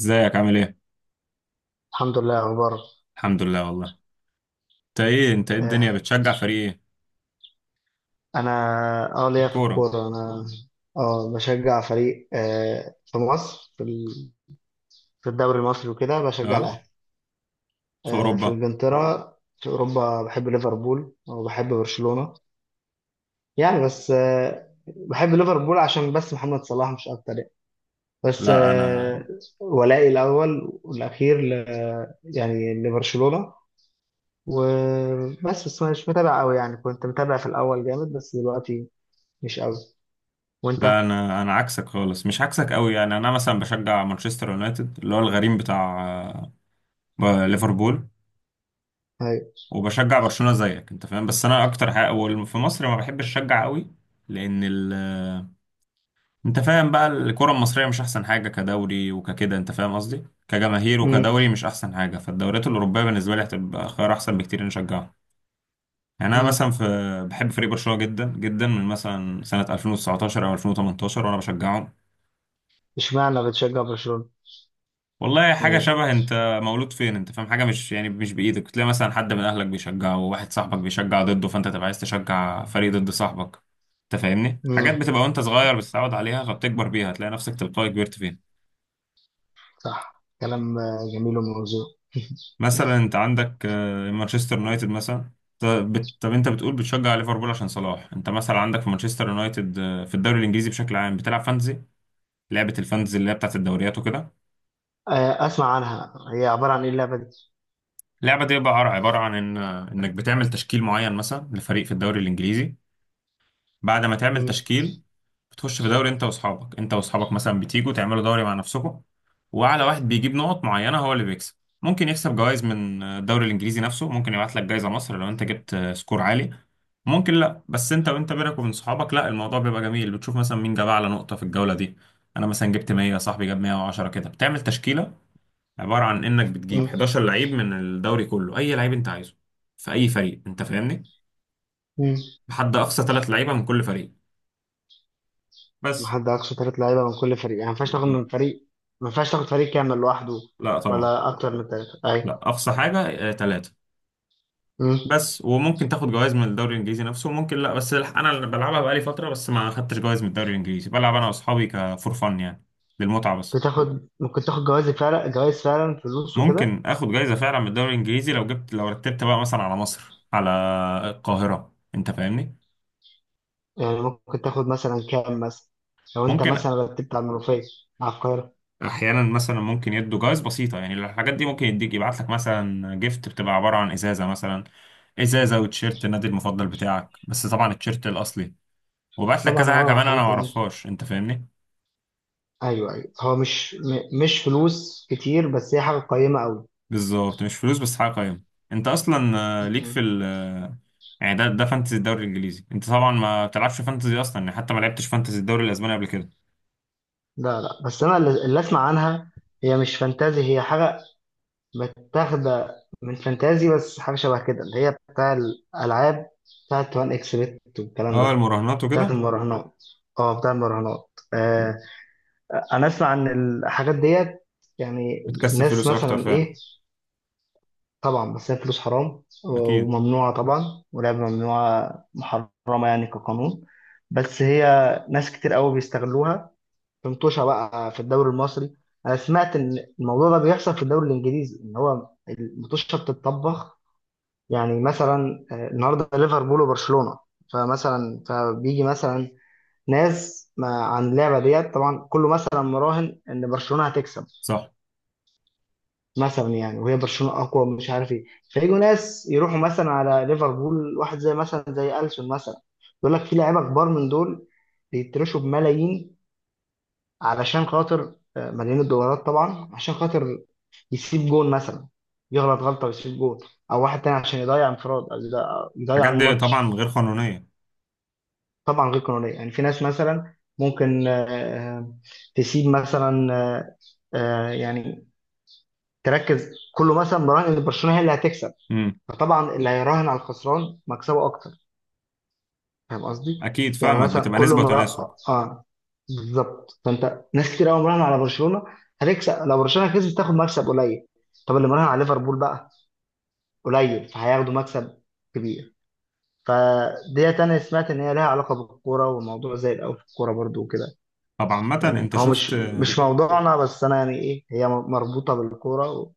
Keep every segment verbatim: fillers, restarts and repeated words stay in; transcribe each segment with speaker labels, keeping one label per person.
Speaker 1: ازيك؟ عامل ايه؟
Speaker 2: الحمد لله. اخبار
Speaker 1: الحمد لله والله. انت ايه انت ايه الدنيا
Speaker 2: آه،
Speaker 1: بتشجع فريق ايه؟
Speaker 2: انا اه
Speaker 1: في
Speaker 2: ليا في
Speaker 1: الكورة.
Speaker 2: الكوره. انا اه بشجع فريق آه، في مصر، في ال- في الدوري المصري وكده بشجع الاهلي.
Speaker 1: اه؟ في
Speaker 2: آه، في
Speaker 1: اوروبا؟
Speaker 2: انجلترا، في اوروبا بحب ليفربول وبحب برشلونه، يعني. بس آه، بحب ليفربول عشان بس محمد صلاح، مش اكتر يعني. بس
Speaker 1: لا انا
Speaker 2: آه، ولائي الاول والاخير ل يعني لبرشلونه. وبس بس مش متابع قوي يعني، كنت متابع في الاول جامد، بس دلوقتي مش قوي. وانت؟
Speaker 1: لا انا انا عكسك خالص، مش عكسك قوي يعني. انا مثلا بشجع مانشستر يونايتد اللي هو الغريم بتاع آه، ب- ليفربول، وبشجع برشلونة زيك، انت فاهم. بس انا اكتر حاجة وال- في مصر ما بحبش اشجع قوي، لان ال آه، انت فاهم بقى، الكرة المصرية مش احسن حاجة كدوري وككده، انت فاهم قصدي؟ كجماهير
Speaker 2: امم
Speaker 1: وكدوري مش احسن حاجة، فالدوريات الأوروبية بالنسبة لي هتبقى خيار احسن بكتير نشجعها. يعني انا
Speaker 2: امم
Speaker 1: مثلا في، بحب فريق برشلونه جدا جدا من مثلا سنه ألفين وتسعتاشر او ألفين وتمنتاشر، وانا بشجعهم.
Speaker 2: اشمعنى بتشجع برشلونة؟
Speaker 1: والله حاجه
Speaker 2: يعني
Speaker 1: شبه انت مولود فين، انت فاهم، حاجه مش يعني مش بايدك. تلاقي مثلا حد من اهلك بيشجعه وواحد صاحبك بيشجع ضده، فانت تبقى عايز تشجع فريق ضد صاحبك. انت فاهمني، حاجات
Speaker 2: امم.
Speaker 1: بتبقى وانت صغير بتتعود عليها فبتكبر بيها، تلاقي نفسك تلقائي كبرت فيها.
Speaker 2: صح، كلام آه، جميل وموزون.
Speaker 1: مثلا انت عندك آه، مانشستر يونايتد مثلا. ط- بت- طب انت بتقول بتشجع ليفربول عشان صلاح، انت مثلا عندك في مانشستر يونايتد آه، في الدوري الانجليزي. بشكل عام بتلعب فانتزي، لعبة الفانتزي اللي هي بتاعت الدوريات وكده.
Speaker 2: آه، اسمع عنها، هي عبارة عن ايه اللعبة دي؟
Speaker 1: اللعبة دي بقى عر- عبارة عن إن إنك بتعمل تشكيل معين مثلا لفريق في الدوري الإنجليزي. بعد ما تعمل
Speaker 2: امم
Speaker 1: تشكيل بتخش في دوري. أنت وأصحابك أنت وأصحابك مثلا بتيجوا تعملوا دوري مع نفسكم، وأعلى واحد بيجيب نقط معينة هو اللي بيكسب. ممكن يكسب جوائز من الدوري الإنجليزي نفسه، ممكن يبعت لك جايزة مصر لو أنت جبت سكور عالي. ممكن لا، بس أنت وأنت بينك وبين صحابك، لا، الموضوع بيبقى جميل. بتشوف مثلا مين جاب أعلى نقطة في الجولة دي. أنا مثلا جبت ميه، صاحبي جاب ميه وعشرة، كده. بتعمل تشكيلة عباره عن انك بتجيب
Speaker 2: امم
Speaker 1: حداشر لعيب من الدوري كله، اي لعيب انت عايزه، في اي فريق، انت فاهمني.
Speaker 2: امم
Speaker 1: بحد اقصى ثلاث لعيبه من كل فريق.
Speaker 2: ما
Speaker 1: بس.
Speaker 2: حد اقصى ثلاث لعيبة من كل فريق، يعني ما ينفعش تاخد
Speaker 1: بالظبط.
Speaker 2: من فريق، ما ينفعش تاخد فريق كامل لوحده،
Speaker 1: لا طبعا.
Speaker 2: ولا اكتر من ثلاثة،
Speaker 1: لا،
Speaker 2: اي.
Speaker 1: اقصى حاجه ثلاثه.
Speaker 2: امم.
Speaker 1: بس، وممكن تاخد جوائز من الدوري الانجليزي نفسه وممكن لا، بس الح- انا اللي بلعبها بقالي فتره، بس ما خدتش جوائز من الدوري الانجليزي. بلعب انا واصحابي كفور فن يعني، للمتعه بس.
Speaker 2: بتاخد ممكن تاخد جوائز فعلا، جوائز فعلا، فلوس وكده
Speaker 1: ممكن اخد جائزه فعلا من الدوري الانجليزي لو جبت، لو رتبت بقى مثلا على مصر، على القاهره، انت فاهمني.
Speaker 2: يعني؟ ممكن تاخد مثلا كام مثلا، لو انت
Speaker 1: ممكن.
Speaker 2: مثلا رتبت على المنوفية، على القاهرة.
Speaker 1: احيانا مثلا ممكن يدوا جوائز بسيطه، يعني الحاجات دي ممكن يديك، يبعت لك مثلا جيفت بتبقى عباره عن ازازه مثلا، ازازه وتيشيرت النادي المفضل بتاعك، بس طبعا التيشيرت الاصلي. وبعت لك
Speaker 2: طبعا.
Speaker 1: كذا حاجه
Speaker 2: اه،
Speaker 1: كمان انا
Speaker 2: حلو.
Speaker 1: ما اعرفهاش، انت فاهمني.
Speaker 2: ايوه، ايوه، هو مش م- مش فلوس كتير، بس هي حاجه قيمه قوي.
Speaker 1: بالظبط، مش فلوس بس حاجه قيمه. انت اصلا آه، ليك في
Speaker 2: مم.
Speaker 1: ال آه، يعني ده ده فانتزي الدوري الانجليزي. انت طبعا ما بتلعبش فانتزي اصلا يعني، حتى ما لعبتش فانتزي الدوري الاسباني قبل كده.
Speaker 2: لا، لا، بس انا اللي اللي اسمع عنها، هي مش فانتازي، هي حاجه متاخده من فانتازي، بس حاجه شبه كده، اللي هي بتاع الالعاب، بتاعت وان اكس بت والكلام
Speaker 1: اه،
Speaker 2: ده،
Speaker 1: المراهنات
Speaker 2: بتاعت
Speaker 1: وكده.
Speaker 2: مم. المراهنات. اه، بتاع المراهنات آه انا اسمع عن الحاجات ديت يعني.
Speaker 1: بتكسب
Speaker 2: الناس
Speaker 1: فلوس اكتر
Speaker 2: مثلا
Speaker 1: فعلا.
Speaker 2: ايه؟ طبعا، بس هي فلوس حرام
Speaker 1: اكيد.
Speaker 2: وممنوعة طبعا، ولعبة ممنوعة محرمة يعني كقانون. بس هي، ناس كتير قوي بيستغلوها في مطوشة بقى في الدوري المصري. أنا سمعت إن الموضوع ده بيحصل في الدوري الإنجليزي، إن هو المطوشة بتتطبخ. يعني مثلا آه، النهاردة ليفربول وبرشلونة، فمثلا فبيجي مثلا ناس ما عن اللعبة ديت، طبعا كله مثلا مراهن إن برشلونة هتكسب
Speaker 1: صح.
Speaker 2: مثلا يعني. وهي برشلونه اقوى، مش عارف ايه، فيجوا ناس يروحوا مثلا على ليفربول، واحد زي مثلا زي السون مثلا، يقول لك في لعيبه كبار من دول بيترشوا بملايين، علشان خاطر آه، ملايين الدولارات طبعا، عشان خاطر يسيب جون مثلا، يغلط غلطه ويسيب جون، او واحد تاني عشان يضيع انفراد، أو يضيع يضيع
Speaker 1: الحاجات دي
Speaker 2: الماتش.
Speaker 1: طبعا غير قانونيه.
Speaker 2: طبعا غير قانونيه، يعني في ناس مثلا ممكن آه، آه، تسيب مثلا آه، آه، يعني تركز. كله مثلا مراهن ان برشلونه هي اللي هتكسب، فطبعا اللي هيراهن على الخسران مكسبه اكتر، فاهم قصدي؟
Speaker 1: اكيد
Speaker 2: يعني
Speaker 1: فاهمك،
Speaker 2: مثلا
Speaker 1: بتبقى
Speaker 2: كل
Speaker 1: نسبة
Speaker 2: فاهم مره.
Speaker 1: وتناسب.
Speaker 2: اه، بالظبط. فانت، ناس كتير قوي مراهن على برشلونه هتكسب، لو برشلونه كسبت تاخد مكسب قليل. طب اللي مراهن على ليفربول بقى قليل، فهياخدوا مكسب كبير. فدي انا سمعت ان هي لها علاقه بالكوره، والموضوع زي الاول في الكوره برضو وكده
Speaker 1: طب عامة
Speaker 2: يعني.
Speaker 1: انت
Speaker 2: هو مش
Speaker 1: شفت.
Speaker 2: مش بالظبط موضوعنا، بس انا يعني ايه، هي مربوطه بالكوره،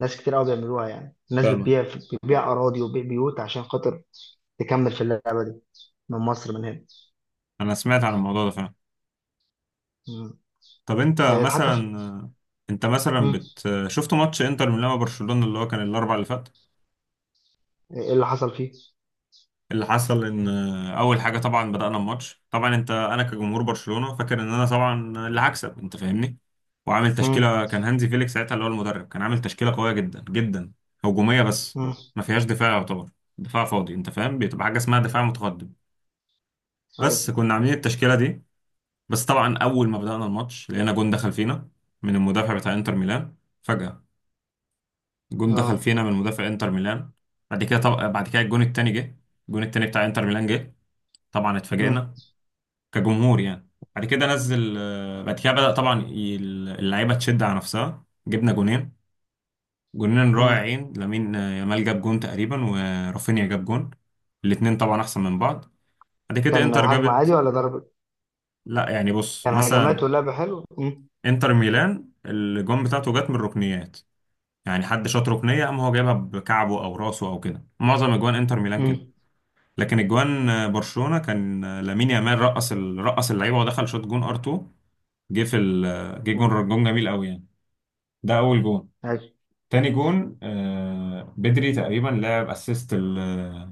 Speaker 2: وناس كتير قوي بيعملوها. يعني الناس
Speaker 1: فاهمك.
Speaker 2: بتبيع بتبيع اراضي وبيع بيوت عشان خاطر تكمل في اللعبة دي، من مصر من هنا.
Speaker 1: انا سمعت عن الموضوع ده فعلا.
Speaker 2: مم.
Speaker 1: طب انت
Speaker 2: آه، حتى
Speaker 1: مثلا،
Speaker 2: في.
Speaker 1: انت مثلا
Speaker 2: مم.
Speaker 1: بت شفت ماتش انتر ميلان وبرشلونة اللي هو كان الاربع اللي فات؟
Speaker 2: آه، ايه اللي حصل فيه؟
Speaker 1: اللي حصل ان اول حاجة طبعا بدأنا الماتش. طبعا انت، انا كجمهور برشلونة فاكر ان انا طبعا اللي هكسب، انت فاهمني. وعامل
Speaker 2: مم.
Speaker 1: تشكيلة، كان هانزي فيليكس ساعتها اللي هو المدرب، كان عامل تشكيلة قوية جدا جدا، هجومية بس،
Speaker 2: مم.
Speaker 1: ما فيهاش دفاع يعتبر. دفاع فاضي، انت فاهم، بتبقى حاجة اسمها دفاع متقدم. بس
Speaker 2: ايوه.
Speaker 1: كنا عاملين التشكيلة دي. بس طبعا اول ما بدأنا الماتش لقينا جون دخل فينا من المدافع بتاع انتر ميلان، فجأة. جون دخل
Speaker 2: اه.
Speaker 1: فينا من مدافع انتر ميلان. بعد كده طب... بعد كده الجون التاني جه، الجون التاني بتاع انتر ميلان جه. طبعا
Speaker 2: مم.
Speaker 1: اتفاجئنا كجمهور يعني. بعد كده نزل، آه، بعد كده بدأ طبعا ي- اللعيبة تشد على نفسها، جبنا جونين، جونين
Speaker 2: مم.
Speaker 1: رائعين. لامين آه، يامال جاب جون تقريبا، ورافينيا جاب جون. الاتنين طبعا احسن من بعض. بعد كده
Speaker 2: كان
Speaker 1: انتر
Speaker 2: هجمة عادي
Speaker 1: جابت.
Speaker 2: ولا ضرب؟
Speaker 1: لا يعني بص
Speaker 2: كان هجمات
Speaker 1: مثلا،
Speaker 2: واللعب حلو. مم.
Speaker 1: انتر ميلان الجون بتاعته جت من الركنيات، يعني حد شاط ركنيه قام هو جايبها بكعبه او راسه او كده، معظم اجوان انتر ميلان كده.
Speaker 2: مم.
Speaker 1: لكن اجوان آه، برشلونه كان آه، لامين يامال رقص ال- رقص اللعيبه ودخل شوط، جون ار اتنين. جه في ال- آه، جه
Speaker 2: مم.
Speaker 1: جون، جون جميل قوي يعني. ده اول جون.
Speaker 2: أيوة.
Speaker 1: تاني جون آه، بدري تقريبا لعب اسيست ال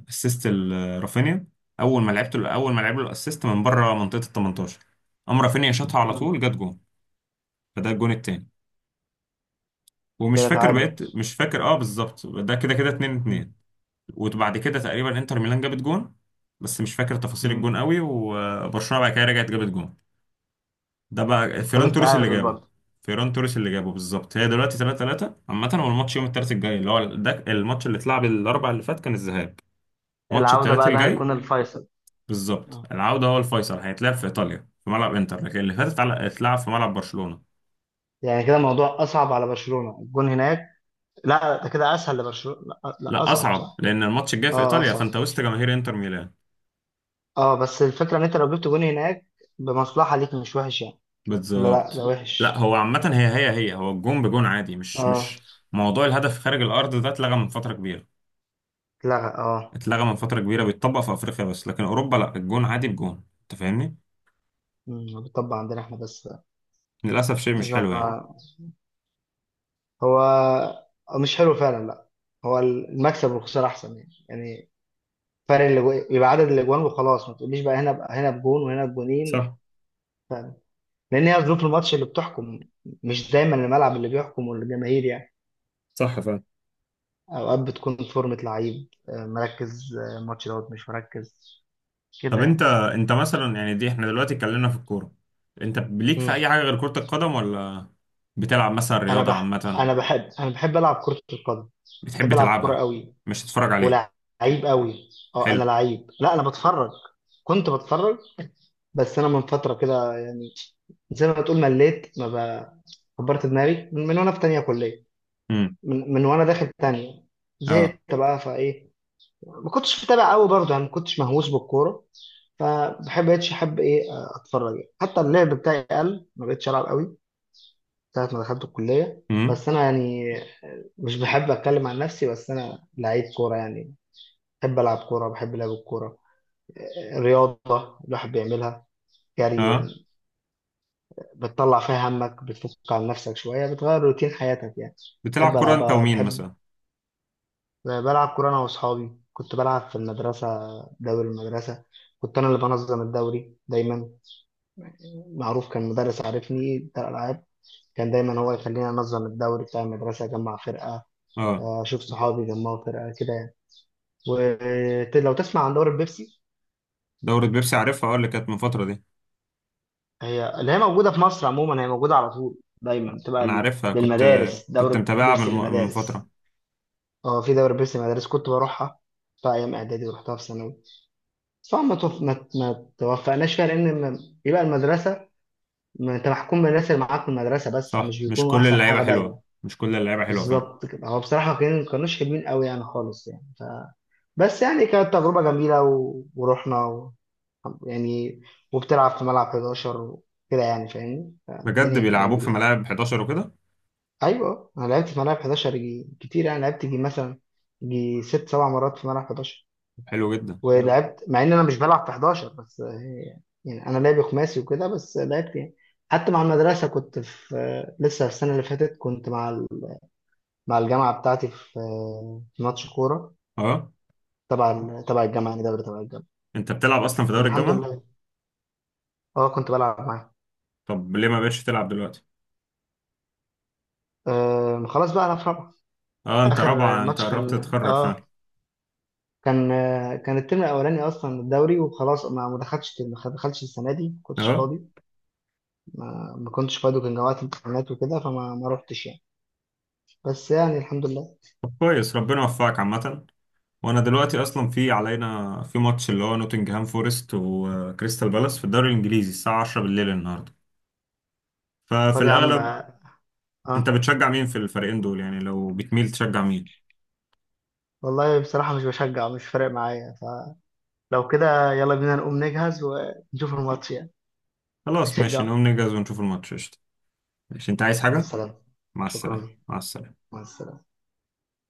Speaker 1: اسيست ال- رافينيا. اول ما لعبت له اول ما لعب له الاسيست من بره منطقه ال تمنتاشر، قام رافينيا شاطها على
Speaker 2: مم.
Speaker 1: طول جت جون. فده الجون التاني. ومش
Speaker 2: كده
Speaker 1: فاكر
Speaker 2: تعادل.
Speaker 1: بقيت مش فاكر اه بالظبط، ده كده كده 2
Speaker 2: مم.
Speaker 1: 2 وبعد كده تقريبا انتر ميلان جابت جون، بس مش فاكر تفاصيل
Speaker 2: مم.
Speaker 1: الجون قوي. وبرشلونه بعد كده رجعت جابت جون، ده بقى فيران
Speaker 2: خلص
Speaker 1: توريس اللي
Speaker 2: تعادل
Speaker 1: جابه،
Speaker 2: برضه.
Speaker 1: فيران توريس اللي جابه بالظبط. هي دلوقتي تلاتة تلاتة عامه. هو الماتش يوم الثلاث الجاي اللي هو ده، الماتش اللي اتلعب الاربع اللي فات كان الذهاب، ماتش
Speaker 2: العودة
Speaker 1: الثلاث
Speaker 2: بقى، ده
Speaker 1: الجاي.
Speaker 2: هيكون الفيصل.
Speaker 1: بالظبط،
Speaker 2: آه.
Speaker 1: العوده هو الفيصل، هيتلعب في ايطاليا في ملعب انتر، لكن اللي فاتت على- اتلعب في ملعب برشلونه.
Speaker 2: يعني كده الموضوع أصعب على برشلونة، الجون هناك؟ لا، ده كده أسهل لبرشلونة، لا، لا،
Speaker 1: لا،
Speaker 2: أصعب،
Speaker 1: اصعب،
Speaker 2: صح؟
Speaker 1: لان الماتش الجاي في
Speaker 2: اه،
Speaker 1: ايطاليا،
Speaker 2: أصعب.
Speaker 1: فانت وسط جماهير انتر ميلان.
Speaker 2: اه، بس الفكرة إن أنت لو جبت جون هناك بمصلحة ليك، مش وحش يعني. لا، لا، ده
Speaker 1: بالظبط. لا
Speaker 2: وحش.
Speaker 1: هو عامة، هي هي هي هو الجون بجون عادي، مش
Speaker 2: اه.
Speaker 1: مش موضوع الهدف خارج الأرض ده، اتلغى من فترة كبيرة.
Speaker 2: لا. اه.
Speaker 1: اتلغى من فترة كبيرة، بيتطبق في أفريقيا بس، لكن أوروبا لا، الجون عادي بجون، أنت فاهمني؟
Speaker 2: مم، بيطبق عندنا احنا بس.
Speaker 1: للأسف شيء مش حلو يعني.
Speaker 2: أنا. هو. مش حلو فعلا، لا. هو المكسب والخسارة احسن يعني، يعني فرق الاجو- يبقى عدد الاجوان وخلاص. ما تقوليش بقى هنا هنا بجون وهنا بجونين،
Speaker 1: صح.
Speaker 2: لان هي ظروف الماتش اللي بتحكم، مش دايما الملعب اللي بيحكم والجماهير يعني.
Speaker 1: صح فعلا.
Speaker 2: اوقات بتكون فورمة لعيب آه، مركز، آه، الماتش دوت، مش مركز
Speaker 1: طب
Speaker 2: كده
Speaker 1: أنت
Speaker 2: يعني.
Speaker 1: أنت مثلا، يعني دي إحنا دلوقتي اتكلمنا في الكورة، أنت ليك في
Speaker 2: مم.
Speaker 1: أي حاجة غير كرة القدم ولا بتلعب مثلا
Speaker 2: انا
Speaker 1: رياضة
Speaker 2: بح
Speaker 1: عامة؟
Speaker 2: انا بحب انا بحب العب كرة القدم،
Speaker 1: بتحب
Speaker 2: بحب العب كرة
Speaker 1: تلعبها
Speaker 2: قوي،
Speaker 1: مش تتفرج عليها؟
Speaker 2: ولعيب قوي. اه
Speaker 1: حلو.
Speaker 2: انا لعيب، لا انا بتفرج، كنت بتفرج. بس انا من فتره كده يعني، زي ما تقول مليت، ما ب- كبرت دماغي من, من وانا في تانية كليه،
Speaker 1: امم.
Speaker 2: من, من وانا داخل تانية.
Speaker 1: اه.
Speaker 2: زهقت بقى فايه. ما كنتش متابع قوي برضه يعني، ما كنتش مهووس بالكوره، فبحب بقتش احب ايه، اتفرج يعني. حتى اللعب بتاعي قل، ما بقتش العب قوي ساعه ما دخلت الكليه.
Speaker 1: امم.
Speaker 2: بس انا يعني، مش بحب اتكلم عن نفسي، بس انا لعيب كوره يعني، بحب العب كوره، بحب لعب الكوره. رياضة الواحد بيعملها، جري
Speaker 1: اه.
Speaker 2: يعني، بتطلع فيها همك، بتفك عن نفسك شوية، بتغير روتين حياتك يعني.
Speaker 1: بتلعب
Speaker 2: بحب
Speaker 1: كرة أنت
Speaker 2: ألعبها،
Speaker 1: ومين
Speaker 2: بحب
Speaker 1: مثلا؟
Speaker 2: بلعب كورة، أنا وأصحابي كنت بلعب في المدرسة، دوري المدرسة. كنت أنا اللي بنظم الدوري دايما، معروف، كان مدرس عارفني بتاع الألعاب، كان دايما هو يخليني أنظم الدوري بتاع المدرسة، أجمع فرقة،
Speaker 1: آه.
Speaker 2: آه، أشوف صحابي يجمعوا فرقة كده يعني. ولو تسمع عن دوري البيبسي،
Speaker 1: دورة بيبسي عارفها اه، اللي كانت من فترة دي.
Speaker 2: هي اللي هي موجودة في مصر عموما، هي موجودة على طول دايما، بتبقى
Speaker 1: انا
Speaker 2: ال-
Speaker 1: عارفها، كنت
Speaker 2: للمدارس،
Speaker 1: كنت
Speaker 2: دورة
Speaker 1: متابعها من
Speaker 2: بيبسي
Speaker 1: من
Speaker 2: للمدارس.
Speaker 1: فترة.
Speaker 2: اه، في دورة بيبسي للمدارس كنت بروحها في أيام إعدادي، ورحتها في ثانوي. طبعا ما توف... ما ت- ما توفقناش فيها، لأن ما- يبقى المدرسة، ما أنت محكوم بالناس اللي معاك في المدرسة بس،
Speaker 1: صح،
Speaker 2: فمش
Speaker 1: مش
Speaker 2: بيكونوا
Speaker 1: كل
Speaker 2: أحسن
Speaker 1: اللعيبة
Speaker 2: حاجة
Speaker 1: حلوة،
Speaker 2: دايما.
Speaker 1: مش كل اللعيبة حلوة، فاهم.
Speaker 2: بالظبط كده، هو بصراحة كان- ما كانوش حلوين قوي يعني خالص يعني ف... بس يعني كانت تجربة جميلة و... ورحنا و... يعني. وبتلعب في ملعب حداشر وكده يعني، فاهمني،
Speaker 1: بجد
Speaker 2: فالدنيا كانت
Speaker 1: بيلعبوك
Speaker 2: جميلة
Speaker 1: في
Speaker 2: يعني.
Speaker 1: ملاعب حداشر وكده؟
Speaker 2: ايوه، انا لعبت في ملاعب احد عشر جي كتير يعني، لعبت جي مثلا جي ست سبع مرات في ملعب حداشر.
Speaker 1: حلو جدا.
Speaker 2: لا، ولعبت مع ان انا مش بلعب في احد عشر، بس هي- يعني انا لعبي خماسي وكده، بس لعبت يعني. حتى مع المدرسه كنت في آه، لسه السنه اللي فاتت كنت مع ال- مع الجامعه بتاعتي في آه، في ماتش كوره
Speaker 1: اه،
Speaker 2: تبع ال- تبع الجامعه، يعني دوري تبع الجامعه،
Speaker 1: انت بتلعب اصلا في دوري
Speaker 2: والحمد
Speaker 1: الجامعة؟
Speaker 2: لله. اه، كنت بلعب معاه.
Speaker 1: طب ليه ما بقتش تلعب دلوقتي؟
Speaker 2: آه، خلاص بقى، انا في رابعه.
Speaker 1: اه، انت
Speaker 2: اخر آه،
Speaker 1: رابعة، انت
Speaker 2: ماتش
Speaker 1: قربت
Speaker 2: كان
Speaker 1: تتخرج، فاهم.
Speaker 2: اه كان آه، كان الترم الاولاني اصلا الدوري، وخلاص ما ما دخلتش ما دخلتش السنه دي، ما كنتش
Speaker 1: اه.
Speaker 2: فاضي، ما, ما كنتش فاضي، وكان جوات امتحانات وكده، فما ما روحتش يعني. بس يعني الحمد لله.
Speaker 1: طب كويس، ربنا يوفقك عامة. وانا دلوقتي اصلا في علينا في ماتش اللي هو نوتنجهام فورست وكريستال بالاس في الدوري الانجليزي، الساعة عشرة بالليل النهاردة، ففي
Speaker 2: طب يا عم.
Speaker 1: الاغلب.
Speaker 2: اه.
Speaker 1: انت
Speaker 2: آه،
Speaker 1: بتشجع مين في الفريقين دول يعني، لو بتميل تشجع مين؟
Speaker 2: والله بصراحه مش بشجع، مش فارق معايا، فلو كده يلا بينا نقوم نجهز ونشوف الماتش يعني،
Speaker 1: خلاص ماشي،
Speaker 2: نشجعه.
Speaker 1: نقوم نجهز ونشوف الماتش، قشطة. ماشي، انت عايز
Speaker 2: مع
Speaker 1: حاجة؟
Speaker 2: السلامه.
Speaker 1: مع
Speaker 2: شكرا.
Speaker 1: السلامة، مع السلامة.
Speaker 2: مع السلامه.